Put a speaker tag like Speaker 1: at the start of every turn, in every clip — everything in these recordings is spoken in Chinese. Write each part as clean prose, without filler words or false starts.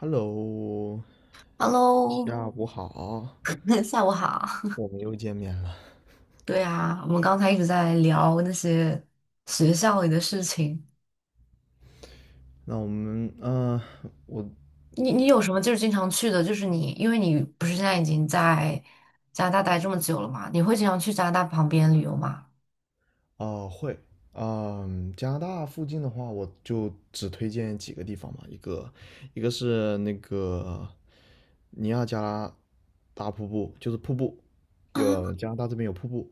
Speaker 1: Hello，
Speaker 2: Hello，
Speaker 1: 下午好，
Speaker 2: 下午好。
Speaker 1: 我们又见面了。
Speaker 2: 对啊，我们刚才一直在聊那些学校里的事情。
Speaker 1: 那我们，嗯、我
Speaker 2: 你有什么就是经常去的？就是你，因为你不是现在已经在加拿大待这么久了嘛，你会经常去加拿大旁边旅游吗？
Speaker 1: 啊、呃会，加拿大附近的话，我就只推荐几个地方嘛，一个是那个尼亚加拉大瀑布，就是瀑布，有
Speaker 2: 啊，
Speaker 1: 加拿大这边有瀑布，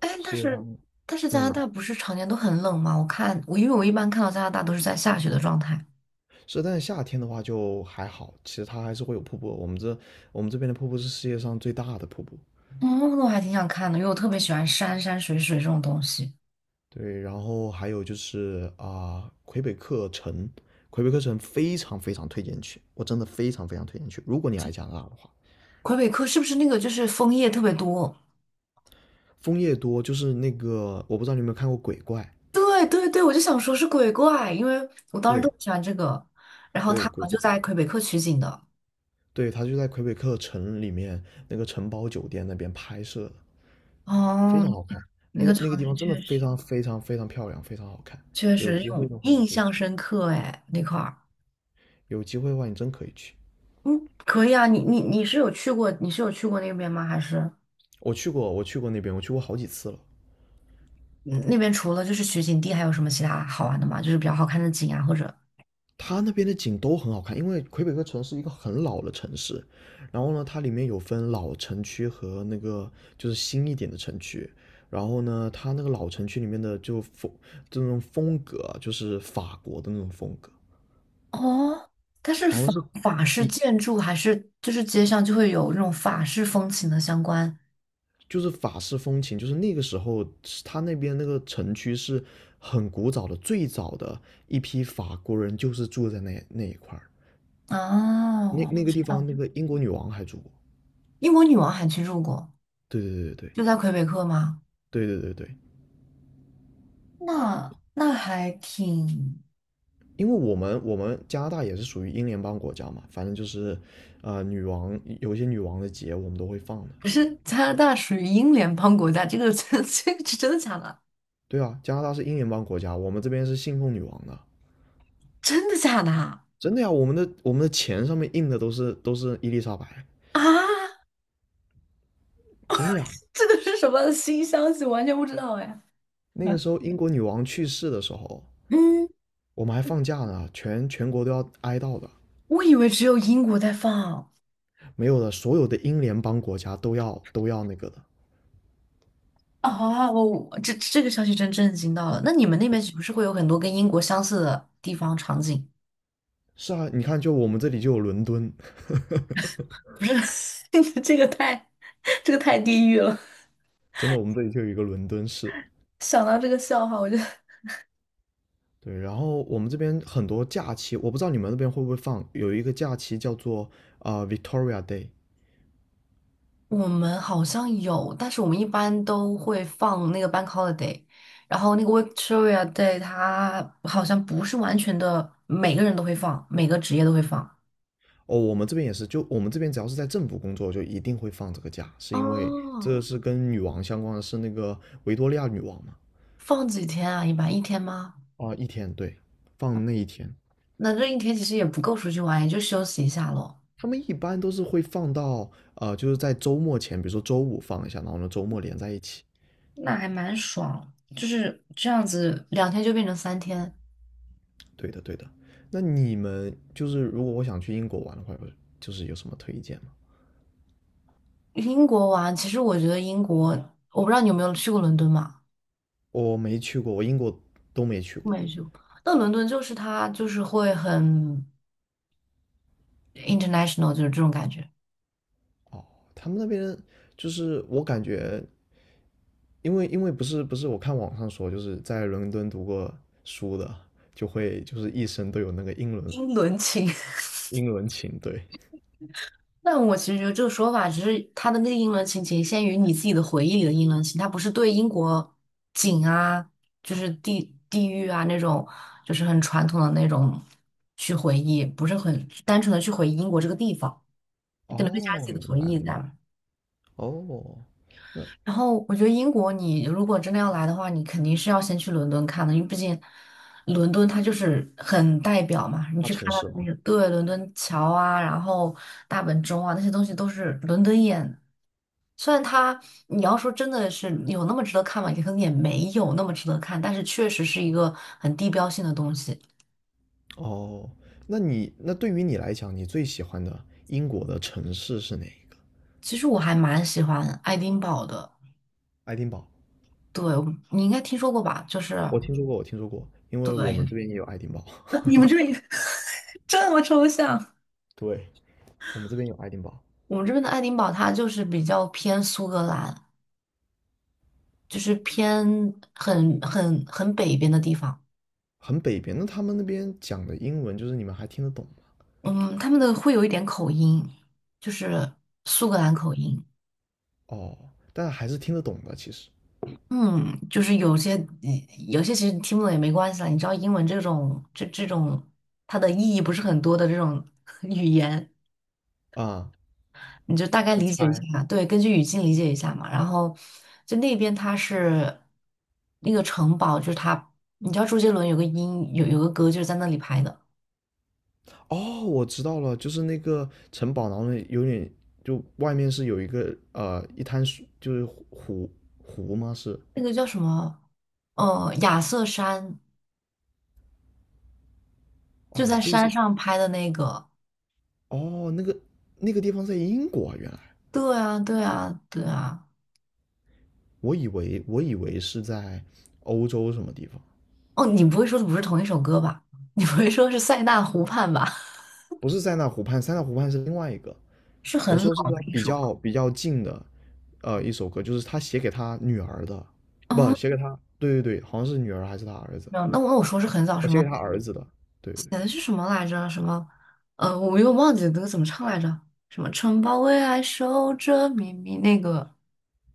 Speaker 2: 哎，但
Speaker 1: 世界上，
Speaker 2: 是但是加拿
Speaker 1: 嗯，
Speaker 2: 大不是常年都很冷吗？我看，因为一般看到加拿大都是在下雪的状态。
Speaker 1: 是，但是夏天的话就还好，其实它还是会有瀑布。我们这边的瀑布是世界上最大的瀑布，
Speaker 2: 嗯，那我还挺想看的，因为我特别喜欢山山水水这种东西。
Speaker 1: 对，然后还有就是啊，魁北克城，魁北克城非常非常推荐去，我真的非常非常推荐去。如果你来加拿大的话，
Speaker 2: 魁北克是不是那个就是枫叶特别多？
Speaker 1: 枫叶多就是那个，我不知道你有没有看过鬼怪，
Speaker 2: 对对对，我就想说是鬼怪，因为我当时特
Speaker 1: 对
Speaker 2: 别喜欢这个，然后
Speaker 1: 对，
Speaker 2: 他好
Speaker 1: 鬼
Speaker 2: 像就
Speaker 1: 怪，
Speaker 2: 在魁北克取景的。
Speaker 1: 对，它就在魁北克城里面那个城堡酒店那边拍摄的，非
Speaker 2: 哦，
Speaker 1: 常好看。
Speaker 2: 那
Speaker 1: 那
Speaker 2: 个
Speaker 1: 个那个
Speaker 2: 场
Speaker 1: 地
Speaker 2: 景
Speaker 1: 方真的
Speaker 2: 确
Speaker 1: 非
Speaker 2: 实
Speaker 1: 常非常非常漂亮，非常好看。
Speaker 2: 确
Speaker 1: 有
Speaker 2: 实
Speaker 1: 机会
Speaker 2: 有
Speaker 1: 的话你
Speaker 2: 印
Speaker 1: 可以
Speaker 2: 象
Speaker 1: 去，
Speaker 2: 深刻哎，那块儿。
Speaker 1: 有机会的话你真可以去。
Speaker 2: 嗯，可以啊，你是有去过，你是有去过那边吗？还是
Speaker 1: 我去过那边，我去过好几次了。
Speaker 2: 那边除了就是取景地，还有什么其他好玩的吗？就是比较好看的景啊，或者。
Speaker 1: 它那边的景都很好看，因为魁北克城是一个很老的城市，然后呢，它里面有分老城区和那个就是新一点的城区，然后呢，它那个老城区里面的这种风格啊就是法国的那种风格，
Speaker 2: 哦，它是
Speaker 1: 然后是
Speaker 2: 法式
Speaker 1: 一
Speaker 2: 建筑，还是就是街上就会有那种法式风情的相关？
Speaker 1: 就是法式风情，就是那个时候是它那边那个城区是很古早的，最早的一批法国人就是住在那一块儿，那
Speaker 2: 哦，
Speaker 1: 那个
Speaker 2: 这
Speaker 1: 地方那
Speaker 2: 样。
Speaker 1: 个英国女王还住过，
Speaker 2: 英国女王还去住过。
Speaker 1: 对对对
Speaker 2: 就在魁北克吗？
Speaker 1: 对对对对对对。
Speaker 2: 那还挺，
Speaker 1: 因为我们加拿大也是属于英联邦国家嘛，反正就是，女王有些女王的节我们都会放的。
Speaker 2: 可是加拿大属于英联邦国家，这个真 这个是真的假的？
Speaker 1: 对啊，加拿大是英联邦国家，我们这边是信奉女王的，
Speaker 2: 真的假的啊？
Speaker 1: 真的呀。我们的钱上面印的都是伊丽莎白，
Speaker 2: 啊，
Speaker 1: 真的呀。
Speaker 2: 这个是什么新消息？我完全不知道哎。
Speaker 1: 那个
Speaker 2: 嗯，
Speaker 1: 时候英国女王去世的时候，
Speaker 2: 嗯，
Speaker 1: 我们还放假呢，全国都要哀悼的，
Speaker 2: 我以为只有英国在放。
Speaker 1: 没有的，所有的英联邦国家都要那个的。
Speaker 2: 啊，我这个消息真震惊到了。那你们那边是不是会有很多跟英国相似的地方场景？
Speaker 1: 是啊，你看，就我们这里就有伦敦，
Speaker 2: 不是，这个太这个太地狱了。
Speaker 1: 真的，我们这里就有一个伦敦市。
Speaker 2: 想到这个笑话，
Speaker 1: 对，然后我们这边很多假期，我不知道你们那边会不会放，有一个假期叫做Victoria Day。
Speaker 2: 我们好像有，但是我们一般都会放那个 bank holiday,然后那个 Victoria Day 它好像不是完全的，每个人都会放，每个职业都会放。
Speaker 1: 哦，我们这边也是，就我们这边只要是在政府工作，就一定会放这个假，是因为这
Speaker 2: 哦，
Speaker 1: 是跟女王相关的，是那个维多利亚女王嘛？
Speaker 2: 放几天啊？一般一天吗？
Speaker 1: 一天，对，放那一天。
Speaker 2: 那这一天其实也不够出去玩，也就休息一下咯。
Speaker 1: 他们一般都是会放到就是在周末前，比如说周五放一下，然后呢周末连在一起。
Speaker 2: 那还蛮爽，就是这样子，2天就变成3天。
Speaker 1: 对的，对的。那你们就是如果我想去英国玩的话，就是有什么推荐吗？
Speaker 2: 英国玩，其实我觉得英国，我不知道你有没有去过伦敦嘛？
Speaker 1: 我没去过，我英国都没去过。
Speaker 2: 没去过。那伦敦就是它，就是会很 international 就是这种感觉。
Speaker 1: 他们那边就是我感觉，因为不是，我看网上说，就是在伦敦读过书的，就会就是一生都有那个英伦
Speaker 2: 英伦情。
Speaker 1: 英伦情。对，
Speaker 2: 但我其实觉得这个说法只是它的那个英伦情仅限于你自己的回忆里的英伦情，它不是对英国景啊，就是地域啊那种，就是很传统的那种去回忆，不是很单纯的去回忆英国这个地方，可能会加入自
Speaker 1: 哦，
Speaker 2: 己的
Speaker 1: 明
Speaker 2: 回
Speaker 1: 白
Speaker 2: 忆
Speaker 1: 明
Speaker 2: 在。
Speaker 1: 白，哦，那
Speaker 2: 然后我觉得英国，你如果真的要来的话，你肯定是要先去伦敦看的，因为毕竟伦敦它就是很代表嘛。你
Speaker 1: 大
Speaker 2: 去看
Speaker 1: 城
Speaker 2: 它
Speaker 1: 市
Speaker 2: 的那
Speaker 1: 吗？
Speaker 2: 个，对，伦敦桥啊，然后大本钟啊，那些东西都是伦敦眼的。虽然它，你要说真的是有那么值得看嘛，也可能也没有那么值得看，但是确实是一个很地标性的东西。
Speaker 1: 哦，那你那对于你来讲，你最喜欢的英国的城市是哪一个？
Speaker 2: 其实我还蛮喜欢爱丁堡的，
Speaker 1: 爱丁堡，
Speaker 2: 对，你应该听说过吧？就是
Speaker 1: 我听说过，因为我们
Speaker 2: 对，
Speaker 1: 这边也有爱丁堡。
Speaker 2: 你们这里 这么抽象。
Speaker 1: 对，我们这边有爱丁堡。
Speaker 2: 我们这边的爱丁堡，它就是比较偏苏格兰，就是偏很北边的地方。
Speaker 1: 很北边，那他们那边讲的英文就是你们还听得懂吗？
Speaker 2: 嗯，他们的会有一点口音，就是苏格兰口音。
Speaker 1: 哦，但还是听得懂的，其实
Speaker 2: 嗯，就是有些其实你听不懂也没关系啦。你知道英文这种它的意义不是很多的这种 语言，
Speaker 1: 啊，
Speaker 2: 你就大概
Speaker 1: 就
Speaker 2: 理解一
Speaker 1: 猜。
Speaker 2: 下，对，根据语境理解一下嘛。然后就那边它是那个城堡，就是它，你知道周杰伦有个音有有个歌就是在那里拍的，
Speaker 1: 哦，我知道了，就是那个城堡，然后呢有点就外面是有一个一滩水，就是湖湖吗？是
Speaker 2: 那个叫什么？亚瑟山，就
Speaker 1: 哦，
Speaker 2: 在
Speaker 1: 就
Speaker 2: 山
Speaker 1: 是
Speaker 2: 上拍的那个。
Speaker 1: 哦那个那个地方在英国啊，原来
Speaker 2: 对啊，对啊，对啊。
Speaker 1: 我以为是在欧洲什么地方，
Speaker 2: 哦，你不会说的不是同一首歌吧？你不会说是塞纳湖畔吧？
Speaker 1: 不是塞纳湖畔，塞纳湖畔是另外一个。
Speaker 2: 是很
Speaker 1: 我说是
Speaker 2: 老
Speaker 1: 在
Speaker 2: 的一
Speaker 1: 比
Speaker 2: 首歌。
Speaker 1: 较比较近的，一首歌，就是他写给他女儿的，不，
Speaker 2: 嗯，
Speaker 1: 写给他，对对对，好像是女儿还是他儿子，
Speaker 2: 没有，那我说是很早
Speaker 1: 我
Speaker 2: 什
Speaker 1: 写
Speaker 2: 么？
Speaker 1: 给他儿子的，对对
Speaker 2: 写
Speaker 1: 对，
Speaker 2: 的是什么来着？什么？我又忘记那个怎么唱来着？什么城堡为爱守着秘密？那个，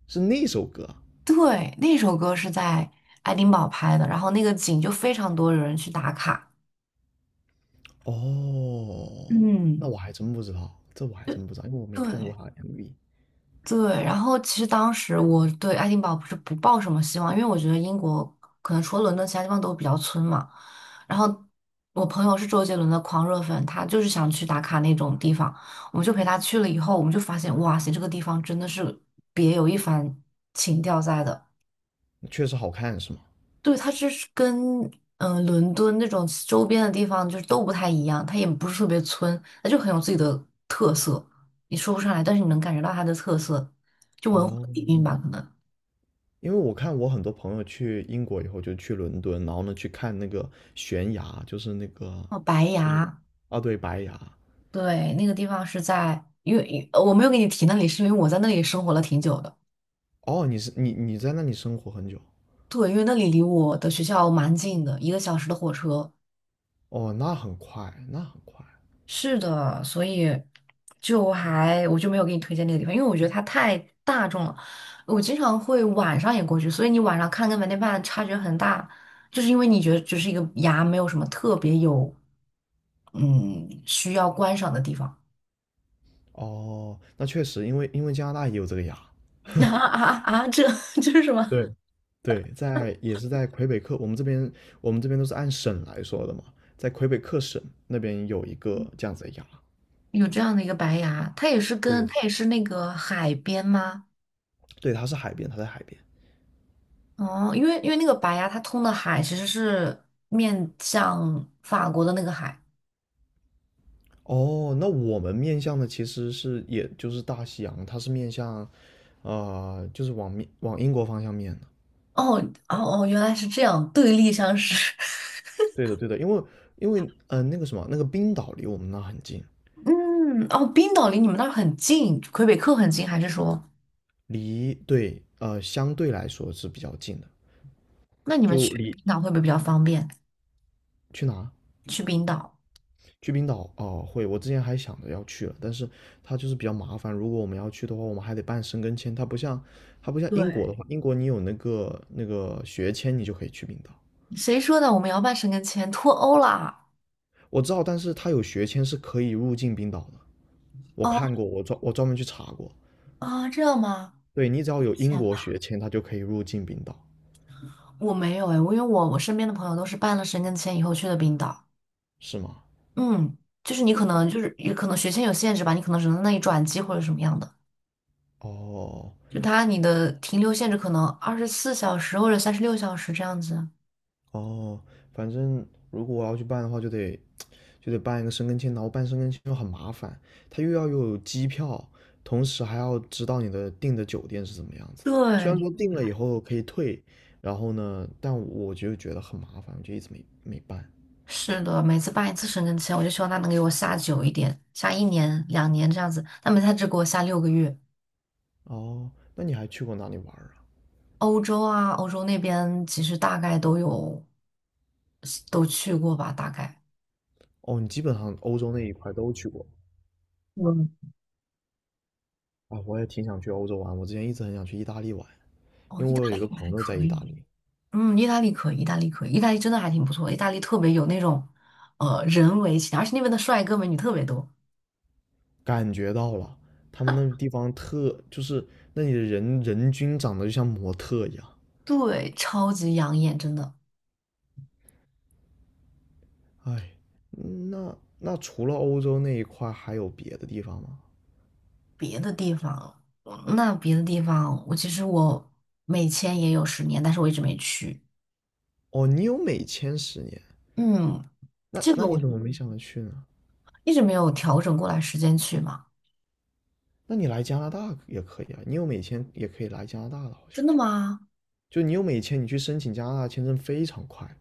Speaker 1: 是那首歌啊。
Speaker 2: 对，那首歌是在爱丁堡拍的，然后那个景就非常多人去打卡。
Speaker 1: 哦，那
Speaker 2: 嗯，
Speaker 1: 我还真不知道，这我还
Speaker 2: 对
Speaker 1: 真不知道，因为我没看过
Speaker 2: 对，
Speaker 1: 他的 MV。
Speaker 2: 对，然后其实当时我对爱丁堡不抱什么希望，因为我觉得英国可能除了伦敦，其他地方都比较村嘛。然后我朋友是周杰伦的狂热粉，他就是想去打卡那种地方，我们就陪他去了以后，我们就发现，哇塞，这个地方真的是别有一番情调在的。
Speaker 1: 确实好看是吗？
Speaker 2: 对，它就是跟伦敦那种周边的地方就是都不太一样，它也不是特别村，它就很有自己的特色，你说不上来，但是你能感觉到它的特色，就文化
Speaker 1: 哦，
Speaker 2: 底蕴吧，可能。
Speaker 1: 因为我看我很多朋友去英国以后就去伦敦，然后呢去看那个悬崖，
Speaker 2: 哦，白
Speaker 1: 就是
Speaker 2: 崖，
Speaker 1: 对，白崖。
Speaker 2: 对，那个地方是在，因为我没有给你提那里，是因为我在那里生活了挺久的。
Speaker 1: 哦，你是你你在那里生活很久？
Speaker 2: 对，因为那里离我的学校蛮近的，1个小时的火车。
Speaker 1: 哦，那很快，那很快。
Speaker 2: 是的，所以我就没有给你推荐那个地方，因为我觉得它太大众了。我经常会晚上也过去，所以你晚上看跟白天看差距很大，就是因为你觉得只是一个崖，没有什么特别有嗯需要观赏的地方。
Speaker 1: 哦，那确实，因为加拿大也有这个牙，
Speaker 2: 啊啊啊！这 这是什么？
Speaker 1: 对，对，在也是在魁北克，我们这边都是按省来说的嘛，在魁北克省那边有一个这样子的牙，
Speaker 2: 有这样的一个白崖，它也是
Speaker 1: 对，
Speaker 2: 那个海边吗？
Speaker 1: 对，它是海边，它在海边。
Speaker 2: 哦，因为那个白崖它通的海其实是面向法国的那个海。
Speaker 1: 哦，那我们面向的其实是也就是大西洋，它是面向，就是往英国方向面的。
Speaker 2: 哦哦哦，原来是这样，对立相识。
Speaker 1: 对的，对的，因为那个什么那个冰岛离我们那很近，
Speaker 2: 嗯，哦，冰岛离你们那儿很近，魁北克很近，还是说，
Speaker 1: 对，相对来说是比较近的，
Speaker 2: 那你们
Speaker 1: 就
Speaker 2: 去
Speaker 1: 离
Speaker 2: 冰岛会不会比较方便？
Speaker 1: 去哪？
Speaker 2: 去冰岛，
Speaker 1: 去冰岛哦，会，我之前还想着要去了，但是它就是比较麻烦。如果我们要去的话，我们还得办申根签，它不像英国的
Speaker 2: 对，
Speaker 1: 话，英国你有那个那个学签，你就可以去冰岛。
Speaker 2: 谁说的？我们要办申根签脱欧啦？
Speaker 1: 我知道，但是它有学签是可以入境冰岛的，我
Speaker 2: 哦，
Speaker 1: 看过，我专门去查过。
Speaker 2: 啊，这样吗？
Speaker 1: 对，你只要有英
Speaker 2: 钱
Speaker 1: 国
Speaker 2: 吧，
Speaker 1: 学签，它就可以入境冰岛，
Speaker 2: 我没有哎，我因为我身边的朋友都是办了申根签以后去的冰岛。
Speaker 1: 是吗？
Speaker 2: 嗯，就是你可能就是也可能学签有限制吧，你可能只能在那里转机或者什么样的，
Speaker 1: 哦
Speaker 2: 就它你的停留限制可能24小时或者36小时这样子。
Speaker 1: 哦，反正如果我要去办的话，就得办一个申根签，然后办申根签又很麻烦，他又要有机票，同时还要知道你的订的酒店是怎么样子的。虽然
Speaker 2: 对，
Speaker 1: 说订了以后可以退，然后呢，但我就觉得很麻烦，我就一直没办。
Speaker 2: 是的，每次办一次深圳签，我就希望他能给我下久一点，下1年、2年这样子。但每次他只给我下6个月。
Speaker 1: 哦，那你还去过哪里玩儿啊？
Speaker 2: 欧洲啊，欧洲那边其实大概都去过吧，大概。
Speaker 1: 哦，你基本上欧洲那一块都去过
Speaker 2: 嗯，
Speaker 1: 啊。我也挺想去欧洲玩，我之前一直很想去意大利玩，
Speaker 2: 哦，
Speaker 1: 因为
Speaker 2: 意大
Speaker 1: 我有一个
Speaker 2: 利
Speaker 1: 朋
Speaker 2: 还
Speaker 1: 友在
Speaker 2: 可
Speaker 1: 意大
Speaker 2: 以，
Speaker 1: 利，
Speaker 2: 嗯，意大利可以，意大利可以，意大利真的还挺不错的。意大利特别有那种，人文情，而且那边的帅哥美女特别多，
Speaker 1: 感觉到了他们那地方就是那里的人人均长得就像模特一样。
Speaker 2: 对，超级养眼，真的。
Speaker 1: 哎，那那除了欧洲那一块，还有别的地方吗？
Speaker 2: 别的地方，那别的地方，我其实美签也有十年，但是我一直没去。
Speaker 1: 哦，你有美签10年，
Speaker 2: 嗯，
Speaker 1: 那
Speaker 2: 这
Speaker 1: 那
Speaker 2: 个我
Speaker 1: 你怎么没想着去呢？
Speaker 2: 一直没有调整过来时间去嘛。
Speaker 1: 那你来加拿大也可以啊，你有美签也可以来加拿大的，好像。
Speaker 2: 真的吗？
Speaker 1: 就你有美签，你去申请加拿大签证非常快，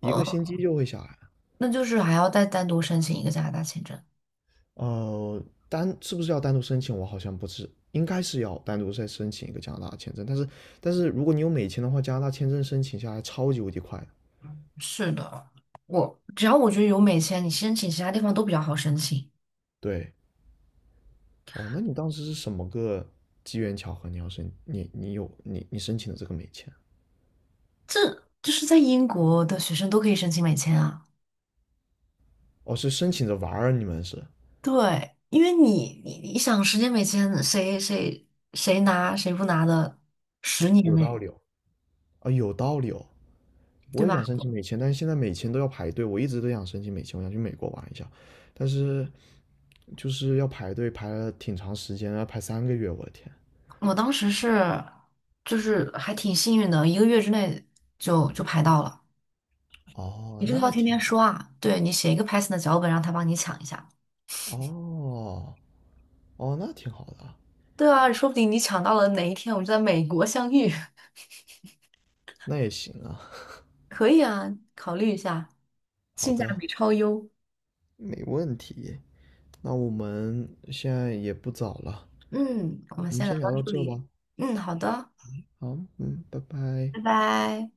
Speaker 1: 一
Speaker 2: 嗯，
Speaker 1: 个星期就会下来。
Speaker 2: 那就是还要再单独申请一个加拿大签证。
Speaker 1: 呃，是不是要单独申请？我好像不是，应该是要单独再申请一个加拿大签证。但是如果你有美签的话，加拿大签证申请下来超级无敌快的。
Speaker 2: 是的，我只要我觉得有美签，你申请其他地方都比较好申请。
Speaker 1: 对，哦，那你当时是什么个机缘巧合？你要申你你有你你申请的这个美签？
Speaker 2: 这就是在英国的学生都可以申请美签啊。
Speaker 1: 哦，是申请着玩儿啊，你们是
Speaker 2: 对，因为你想十年美签，谁拿谁不拿的，十年
Speaker 1: 有道
Speaker 2: 内，
Speaker 1: 理哦。啊，有道理哦。我
Speaker 2: 对
Speaker 1: 也
Speaker 2: 吧？
Speaker 1: 想申请美签，但是现在美签都要排队，我一直都想申请美签，我想去美国玩一下，但是就是要排队，排了挺长时间，要排3个月，我的天。
Speaker 2: 我当时是就是还挺幸运的，1个月之内就排到了。你
Speaker 1: 哦，
Speaker 2: 这个要
Speaker 1: 那
Speaker 2: 天
Speaker 1: 挺
Speaker 2: 天
Speaker 1: 好。
Speaker 2: 说啊，对你写一个 Python 的脚本，让他帮你抢一下。
Speaker 1: 哦哦，那挺好的啊，
Speaker 2: 对啊，说不定你抢到了哪一天，我们就在美国相遇。
Speaker 1: 那也行啊。
Speaker 2: 可以啊，考虑一下，
Speaker 1: 好
Speaker 2: 性价
Speaker 1: 的，
Speaker 2: 比超优。
Speaker 1: 没问题。那我们现在也不早了，
Speaker 2: 嗯，我们
Speaker 1: 我们
Speaker 2: 先
Speaker 1: 先
Speaker 2: 聊到
Speaker 1: 聊到
Speaker 2: 这
Speaker 1: 这吧。
Speaker 2: 里。嗯，好的。
Speaker 1: 好，嗯，拜拜。
Speaker 2: 拜拜。